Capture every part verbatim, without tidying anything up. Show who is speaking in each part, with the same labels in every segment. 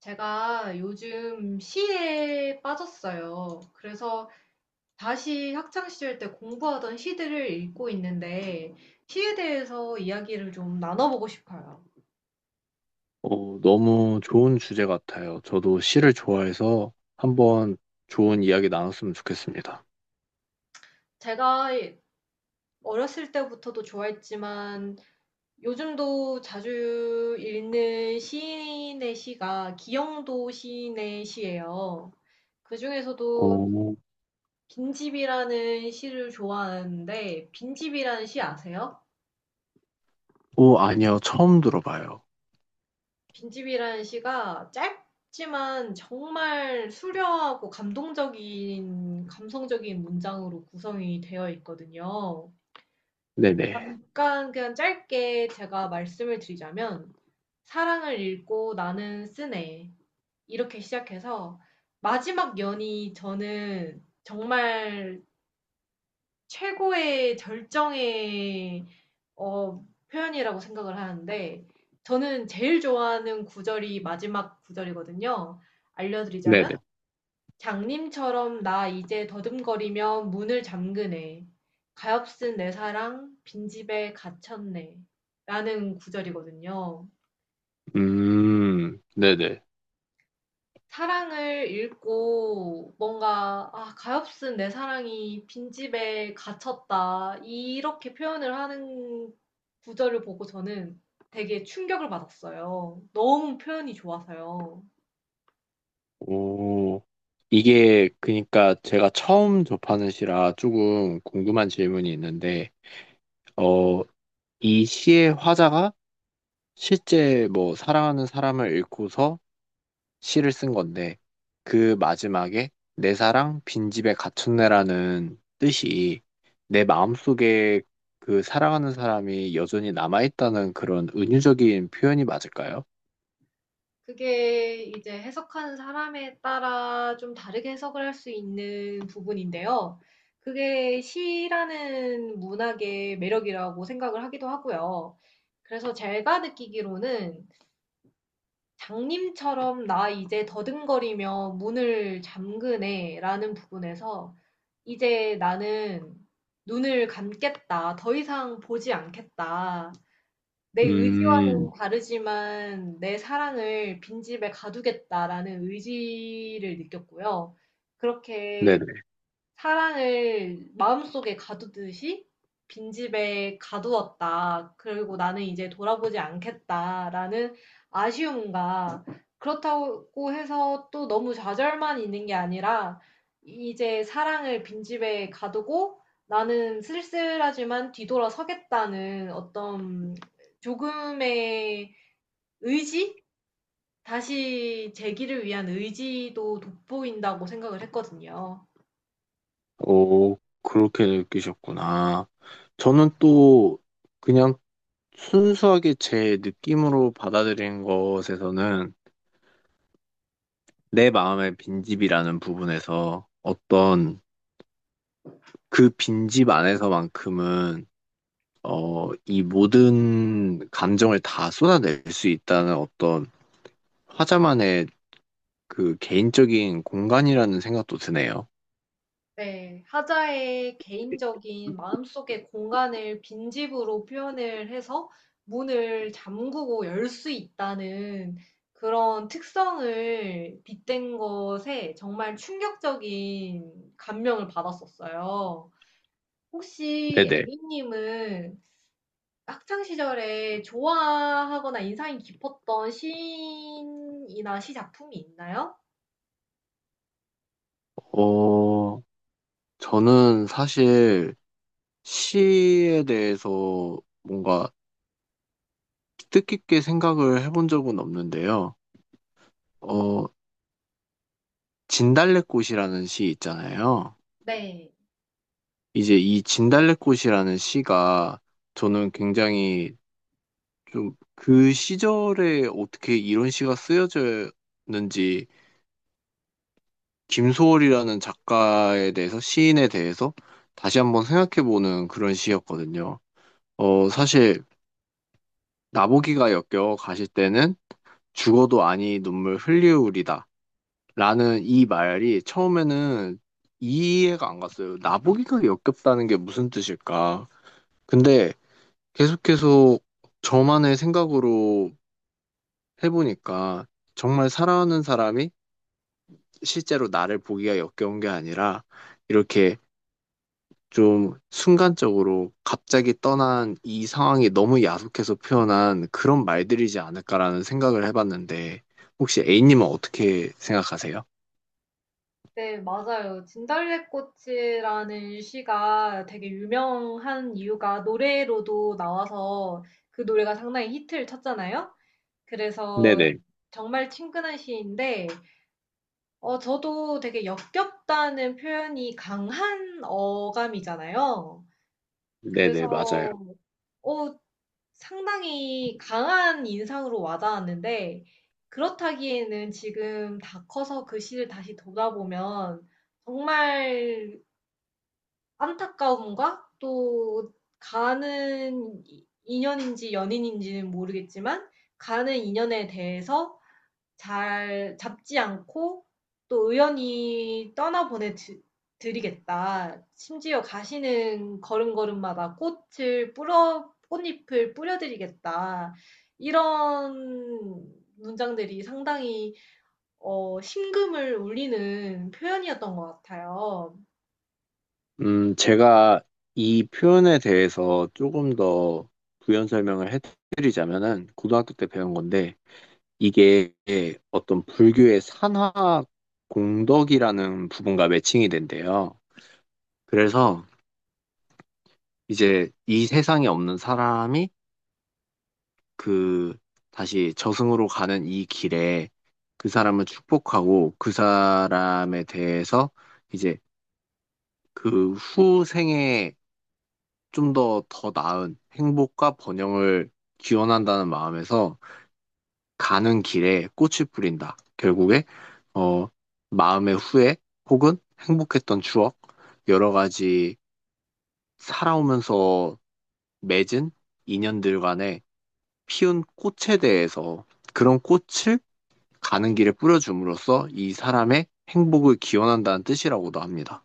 Speaker 1: 제가 요즘 시에 빠졌어요. 그래서 다시 학창시절 때 공부하던 시들을 읽고 있는데, 시에 대해서 이야기를 좀 나눠보고 싶어요.
Speaker 2: 어, 너무 좋은 주제 같아요. 저도 시를 좋아해서 한번 좋은 이야기 나눴으면 좋겠습니다.
Speaker 1: 제가 어렸을 때부터도 좋아했지만, 요즘도 자주 읽는 시인의 시가 기영도 시인의 시예요. 그중에서도
Speaker 2: 오,
Speaker 1: 빈집이라는 시를 좋아하는데, 빈집이라는 시 아세요?
Speaker 2: 오, 아니요. 처음 들어봐요.
Speaker 1: 빈집이라는 시가 짧지만 정말 수려하고 감동적인 감성적인 문장으로 구성이 되어 있거든요.
Speaker 2: 네네.
Speaker 1: 잠깐 그냥 짧게 제가 말씀을 드리자면 사랑을 읽고 나는 쓰네 이렇게 시작해서 마지막 연이 저는 정말 최고의 절정의 어 표현이라고 생각을 하는데 저는 제일 좋아하는 구절이 마지막 구절이거든요. 알려드리자면
Speaker 2: 네네.
Speaker 1: 장님처럼 나 이제 더듬거리며 문을 잠그네. 가엾은 내 사랑 빈집에 갇혔네. 라는 구절이거든요.
Speaker 2: 음, 네네.
Speaker 1: 사랑을 읽고 뭔가 '아 가엾은 내 사랑이 빈집에 갇혔다.' 이렇게 표현을 하는 구절을 보고 저는 되게 충격을 받았어요. 너무 표현이 좋아서요.
Speaker 2: 오, 이게 그러니까 제가 처음 접하는 시라 조금 궁금한 질문이 있는데, 어, 이 시의 화자가 실제 뭐 사랑하는 사람을 잃고서 시를 쓴 건데 그 마지막에 내 사랑 빈집에 갇혔네라는 뜻이 내 마음속에 그 사랑하는 사람이 여전히 남아있다는 그런 은유적인 표현이 맞을까요?
Speaker 1: 그게 이제 해석하는 사람에 따라 좀 다르게 해석을 할 수 있는 부분인데요. 그게 시라는 문학의 매력이라고 생각을 하기도 하고요. 그래서 제가 느끼기로는 장님처럼 "나 이제 더듬거리며 문을 잠그네."라는 부분에서 "이제 나는 눈을 감겠다. 더 이상 보지 않겠다. 내 의지와는
Speaker 2: 음,
Speaker 1: 다르지만 내 사랑을 빈집에 가두겠다."라는 의지를 느꼈고요. 그렇게
Speaker 2: 네네.
Speaker 1: 사랑을 마음속에 가두듯이 빈집에 가두었다. 그리고 나는 이제 돌아보지 않겠다라는 아쉬움과 그렇다고 해서 또 너무 좌절만 있는 게 아니라 이제 사랑을 빈집에 가두고 나는 쓸쓸하지만 뒤돌아서겠다는 어떤 조금의 의지? 다시 재기를 위한 의지도 돋보인다고 생각을 했거든요.
Speaker 2: 오, 그렇게 느끼셨구나. 저는 또 그냥 순수하게 제 느낌으로 받아들인 것에서는 내 마음의 빈집이라는 부분에서 어떤 그 빈집 안에서만큼은 어, 이 모든 감정을 다 쏟아낼 수 있다는 어떤 화자만의 그 개인적인 공간이라는 생각도 드네요.
Speaker 1: 네, 하자의 개인적인 마음속의 공간을 빈집으로 표현을 해서 문을 잠그고 열 수 있다는 그런 특성을 빗댄 것에 정말 충격적인 감명을 받았었어요. 혹시
Speaker 2: 네네.
Speaker 1: A님은 학창 시절에 좋아하거나 인상이 깊었던 시인이나 시 작품이 있나요?
Speaker 2: 어, 저는 사실 시에 대해서 뭔가 뜻깊게 생각을 해본 적은 없는데요. 어, 진달래꽃이라는 시 있잖아요.
Speaker 1: 네.
Speaker 2: 이제 이 진달래꽃이라는 시가 저는 굉장히 좀 그 시절에 어떻게 이런 시가 쓰여졌는지 김소월이라는 작가에 대해서 시인에 대해서 다시 한번 생각해보는 그런 시였거든요. 어, 사실 나보기가 역겨 가실 때는 죽어도 아니 눈물 흘리우리다. 라는 이 말이 처음에는 이해가 안 갔어요. 나보기가 역겹다는 게 무슨 뜻일까? 근데 계속해서 저만의 생각으로 해보니까 정말 사랑하는 사람이 실제로 나를 보기가 역겨운 게 아니라 이렇게 좀 순간적으로 갑자기 떠난 이 상황이 너무 야속해서 표현한 그런 말들이지 않을까라는 생각을 해봤는데 혹시 A님은 어떻게 생각하세요?
Speaker 1: 네, 맞아요. 진달래꽃이라는 시가 되게 유명한 이유가 노래로도 나와서 그 노래가 상당히 히트를 쳤잖아요. 그래서
Speaker 2: 네네,
Speaker 1: 정말 친근한 시인데, 어, 저도 되게 역겹다는 표현이 강한 어감이잖아요.
Speaker 2: 네네, 맞아요.
Speaker 1: 그래서, 어, 상당히 강한 인상으로 와닿았는데, 그렇다기에는 지금 다 커서 그 시를 다시 돌아보면 정말 안타까움과 또 가는 인연인지 연인인지는 모르겠지만 가는 인연에 대해서 잘 잡지 않고 또 의연히 떠나보내 드- 드리겠다. 심지어 가시는 걸음걸음마다 꽃을 뿌려, 꽃잎을 뿌려드리겠다. 이런 문장들이 상당히 어, 심금을 울리는 표현이었던 것 같아요.
Speaker 2: 음, 제가 이 표현에 대해서 조금 더 부연 설명을 해드리자면은 고등학교 때 배운 건데 이게 어떤 불교의 산화 공덕이라는 부분과 매칭이 된대요. 그래서 이제 이 세상에 없는 사람이 그 다시 저승으로 가는 이 길에 그 사람을 축복하고 그 사람에 대해서 이제 그 후생에 좀 더 더 나은 행복과 번영을 기원한다는 마음에서 가는 길에 꽃을 뿌린다. 결국에 어, 마음의 후회 혹은 행복했던 추억, 여러 가지 살아오면서 맺은 인연들 간에 피운 꽃에 대해서 그런 꽃을 가는 길에 뿌려줌으로써 이 사람의 행복을 기원한다는 뜻이라고도 합니다.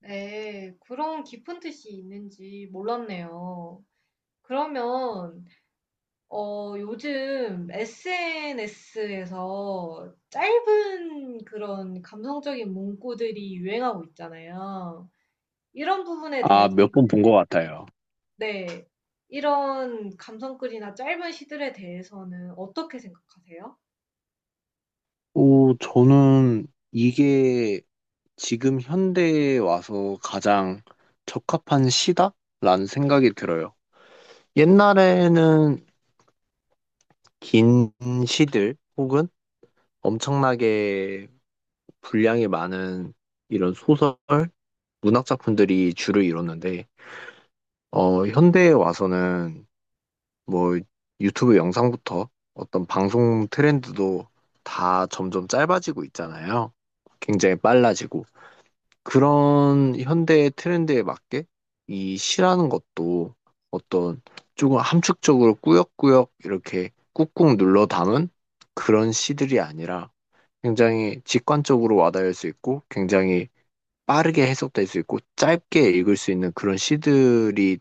Speaker 1: 네. 그런 깊은 뜻이 있는지 몰랐네요. 그러면 어 요즘 에스엔에스에서 짧은 그런 감성적인 문구들이 유행하고 있잖아요. 이런 부분에
Speaker 2: 아,
Speaker 1: 대해서
Speaker 2: 몇 번 본 것 같아요.
Speaker 1: 네. 이런 감성글이나 짧은 시들에 대해서는 어떻게 생각하세요?
Speaker 2: 오, 저는 이게 지금 현대에 와서 가장 적합한 시다라는 생각이 들어요. 옛날에는 긴 시들 혹은 엄청나게 분량이 많은 이런 소설, 문학 작품들이 주를 이뤘는데, 어, 현대에 와서는 뭐 유튜브 영상부터 어떤 방송 트렌드도 다 점점 짧아지고 있잖아요. 굉장히 빨라지고. 그런 현대의 트렌드에 맞게 이 시라는 것도 어떤 조금 함축적으로 꾸역꾸역 이렇게 꾹꾹 눌러 담은 그런 시들이 아니라 굉장히 직관적으로 와닿을 수 있고 굉장히 빠르게 해석될 수 있고 짧게 읽을 수 있는 그런 시들이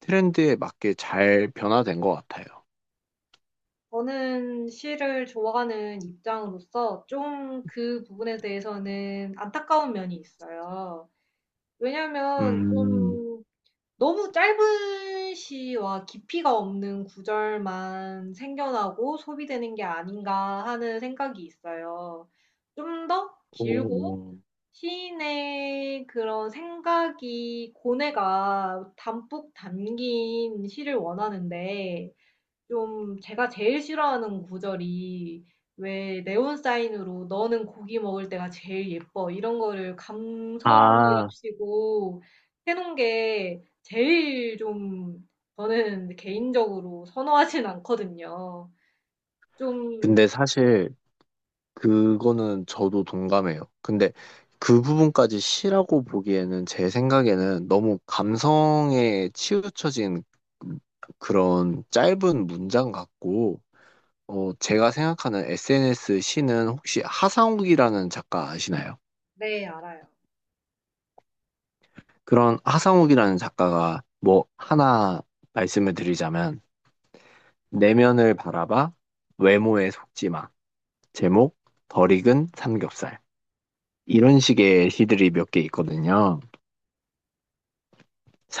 Speaker 2: 트렌드에 맞게 잘 변화된 것 같아요.
Speaker 1: 저는 시를 좋아하는 입장으로서 좀 그 부분에 대해서는 안타까운 면이 있어요. 왜냐면
Speaker 2: 음,
Speaker 1: 좀 너무 짧은 시와 깊이가 없는 구절만 생겨나고 소비되는 게 아닌가 하는 생각이 있어요. 좀 더 길고
Speaker 2: 오.
Speaker 1: 시인의 그런 생각이 고뇌가 담뿍 담긴 시를 원하는데 좀 제가 제일 싫어하는 구절이 왜 네온 사인으로 너는 고기 먹을 때가 제일 예뻐 이런 거를
Speaker 2: 아,
Speaker 1: 감성이랍시고 해놓은 게 제일 좀 저는 개인적으로 선호하진 않거든요. 좀,
Speaker 2: 근데 사실 그거는 저도 동감해요. 근데 그 부분까지 시라고 보기에는 제 생각에는 너무 감성에 치우쳐진 그런 짧은 문장 같고, 어, 제가 생각하는 에스엔에스 시는 혹시 하상욱이라는 작가 아시나요?
Speaker 1: 네, 알아요.
Speaker 2: 그런 하상욱이라는 작가가 뭐 하나 말씀을 드리자면, 내면을 바라봐, 외모에 속지 마. 제목, 덜 익은 삼겹살. 이런 식의 시들이 몇 개 있거든요.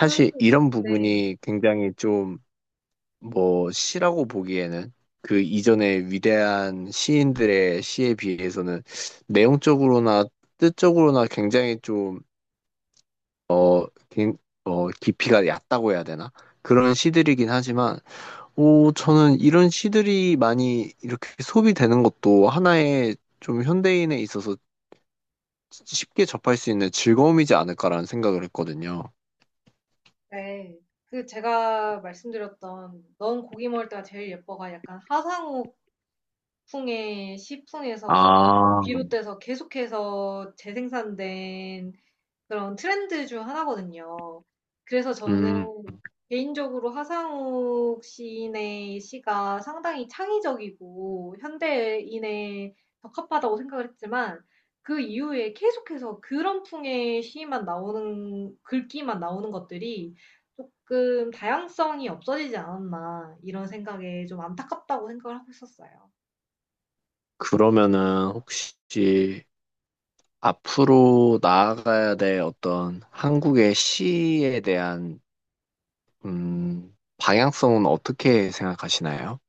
Speaker 1: 그,
Speaker 2: 이런
Speaker 1: 네,
Speaker 2: 부분이 굉장히 좀 뭐 시라고 보기에는 그 이전의 위대한 시인들의 시에 비해서는 내용적으로나 뜻적으로나 굉장히 좀 긴- 어, 깊이가 얕다고 해야 되나? 그런 시들이긴 하지만 오 저는 이런 시들이 많이 이렇게 소비되는 것도 하나의 좀 현대인에 있어서 쉽게 접할 수 있는 즐거움이지 않을까라는 생각을 했거든요.
Speaker 1: 네. 그 제가 말씀드렸던 넌 고기 먹을 때가 제일 예뻐가 약간 하상우 북풍에 시풍에서
Speaker 2: 아,
Speaker 1: 비롯돼서 계속해서 재생산된 그런 트렌드 중 하나거든요. 그래서 저는
Speaker 2: 음,
Speaker 1: 개인적으로 하상욱 시인의 시가 상당히 창의적이고 현대인에 적합하다고 생각을 했지만 그 이후에 계속해서 그런 풍의 시만 나오는 글귀만 나오는 것들이 조금 다양성이 없어지지 않았나 이런 생각에 좀 안타깝다고 생각을 하고 있었어요.
Speaker 2: 그러면은 혹시 앞으로 나아가야 될 어떤 한국의 시에 대한 음, 방향성은 어떻게 생각하시나요?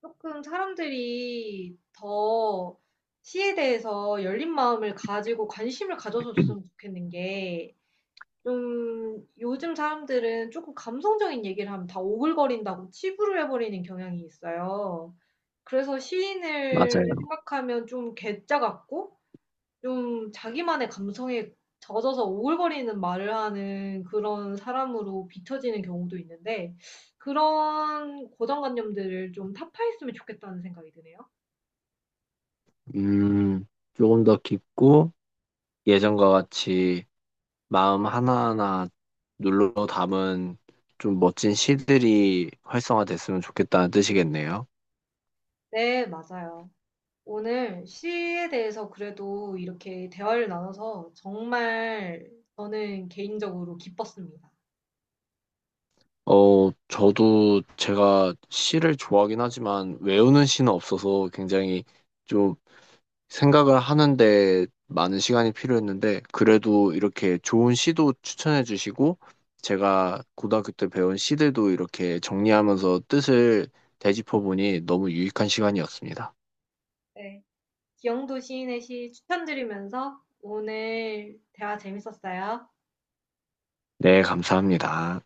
Speaker 1: 조금 사람들이 더 시에 대해서 열린 마음을 가지고 관심을 가져줬으면 좋겠는 게 좀 요즘 사람들은 조금 감성적인 얘기를 하면 다 오글거린다고 치부를 해 버리는 경향이 있어요. 그래서 시인을
Speaker 2: 맞아요.
Speaker 1: 생각하면 좀 괴짜 같고 좀 자기만의 감성에 젖어서 오글거리는 말을 하는 그런 사람으로 비춰지는 경우도 있는데 그런 고정관념들을 좀 타파했으면 좋겠다는 생각이 드네요.
Speaker 2: 음, 조금 더 깊고 예전과 같이 마음 하나하나 눌러 담은 좀 멋진 시들이 활성화됐으면 좋겠다는 뜻이겠네요.
Speaker 1: 네, 맞아요. 오늘 시에 대해서 그래도 이렇게 대화를 나눠서 정말 저는 개인적으로 기뻤습니다.
Speaker 2: 어, 저도 제가 시를 좋아하긴 하지만 외우는 시는 없어서 굉장히 좀 생각을 하는데 많은 시간이 필요했는데 그래도 이렇게 좋은 시도 추천해 주시고 제가 고등학교 때 배운 시들도 이렇게 정리하면서 뜻을 되짚어 보니 너무 유익한 시간이었습니다.
Speaker 1: 네. 기영도 시인의 시 추천드리면서 오늘 대화 재밌었어요.
Speaker 2: 네, 감사합니다.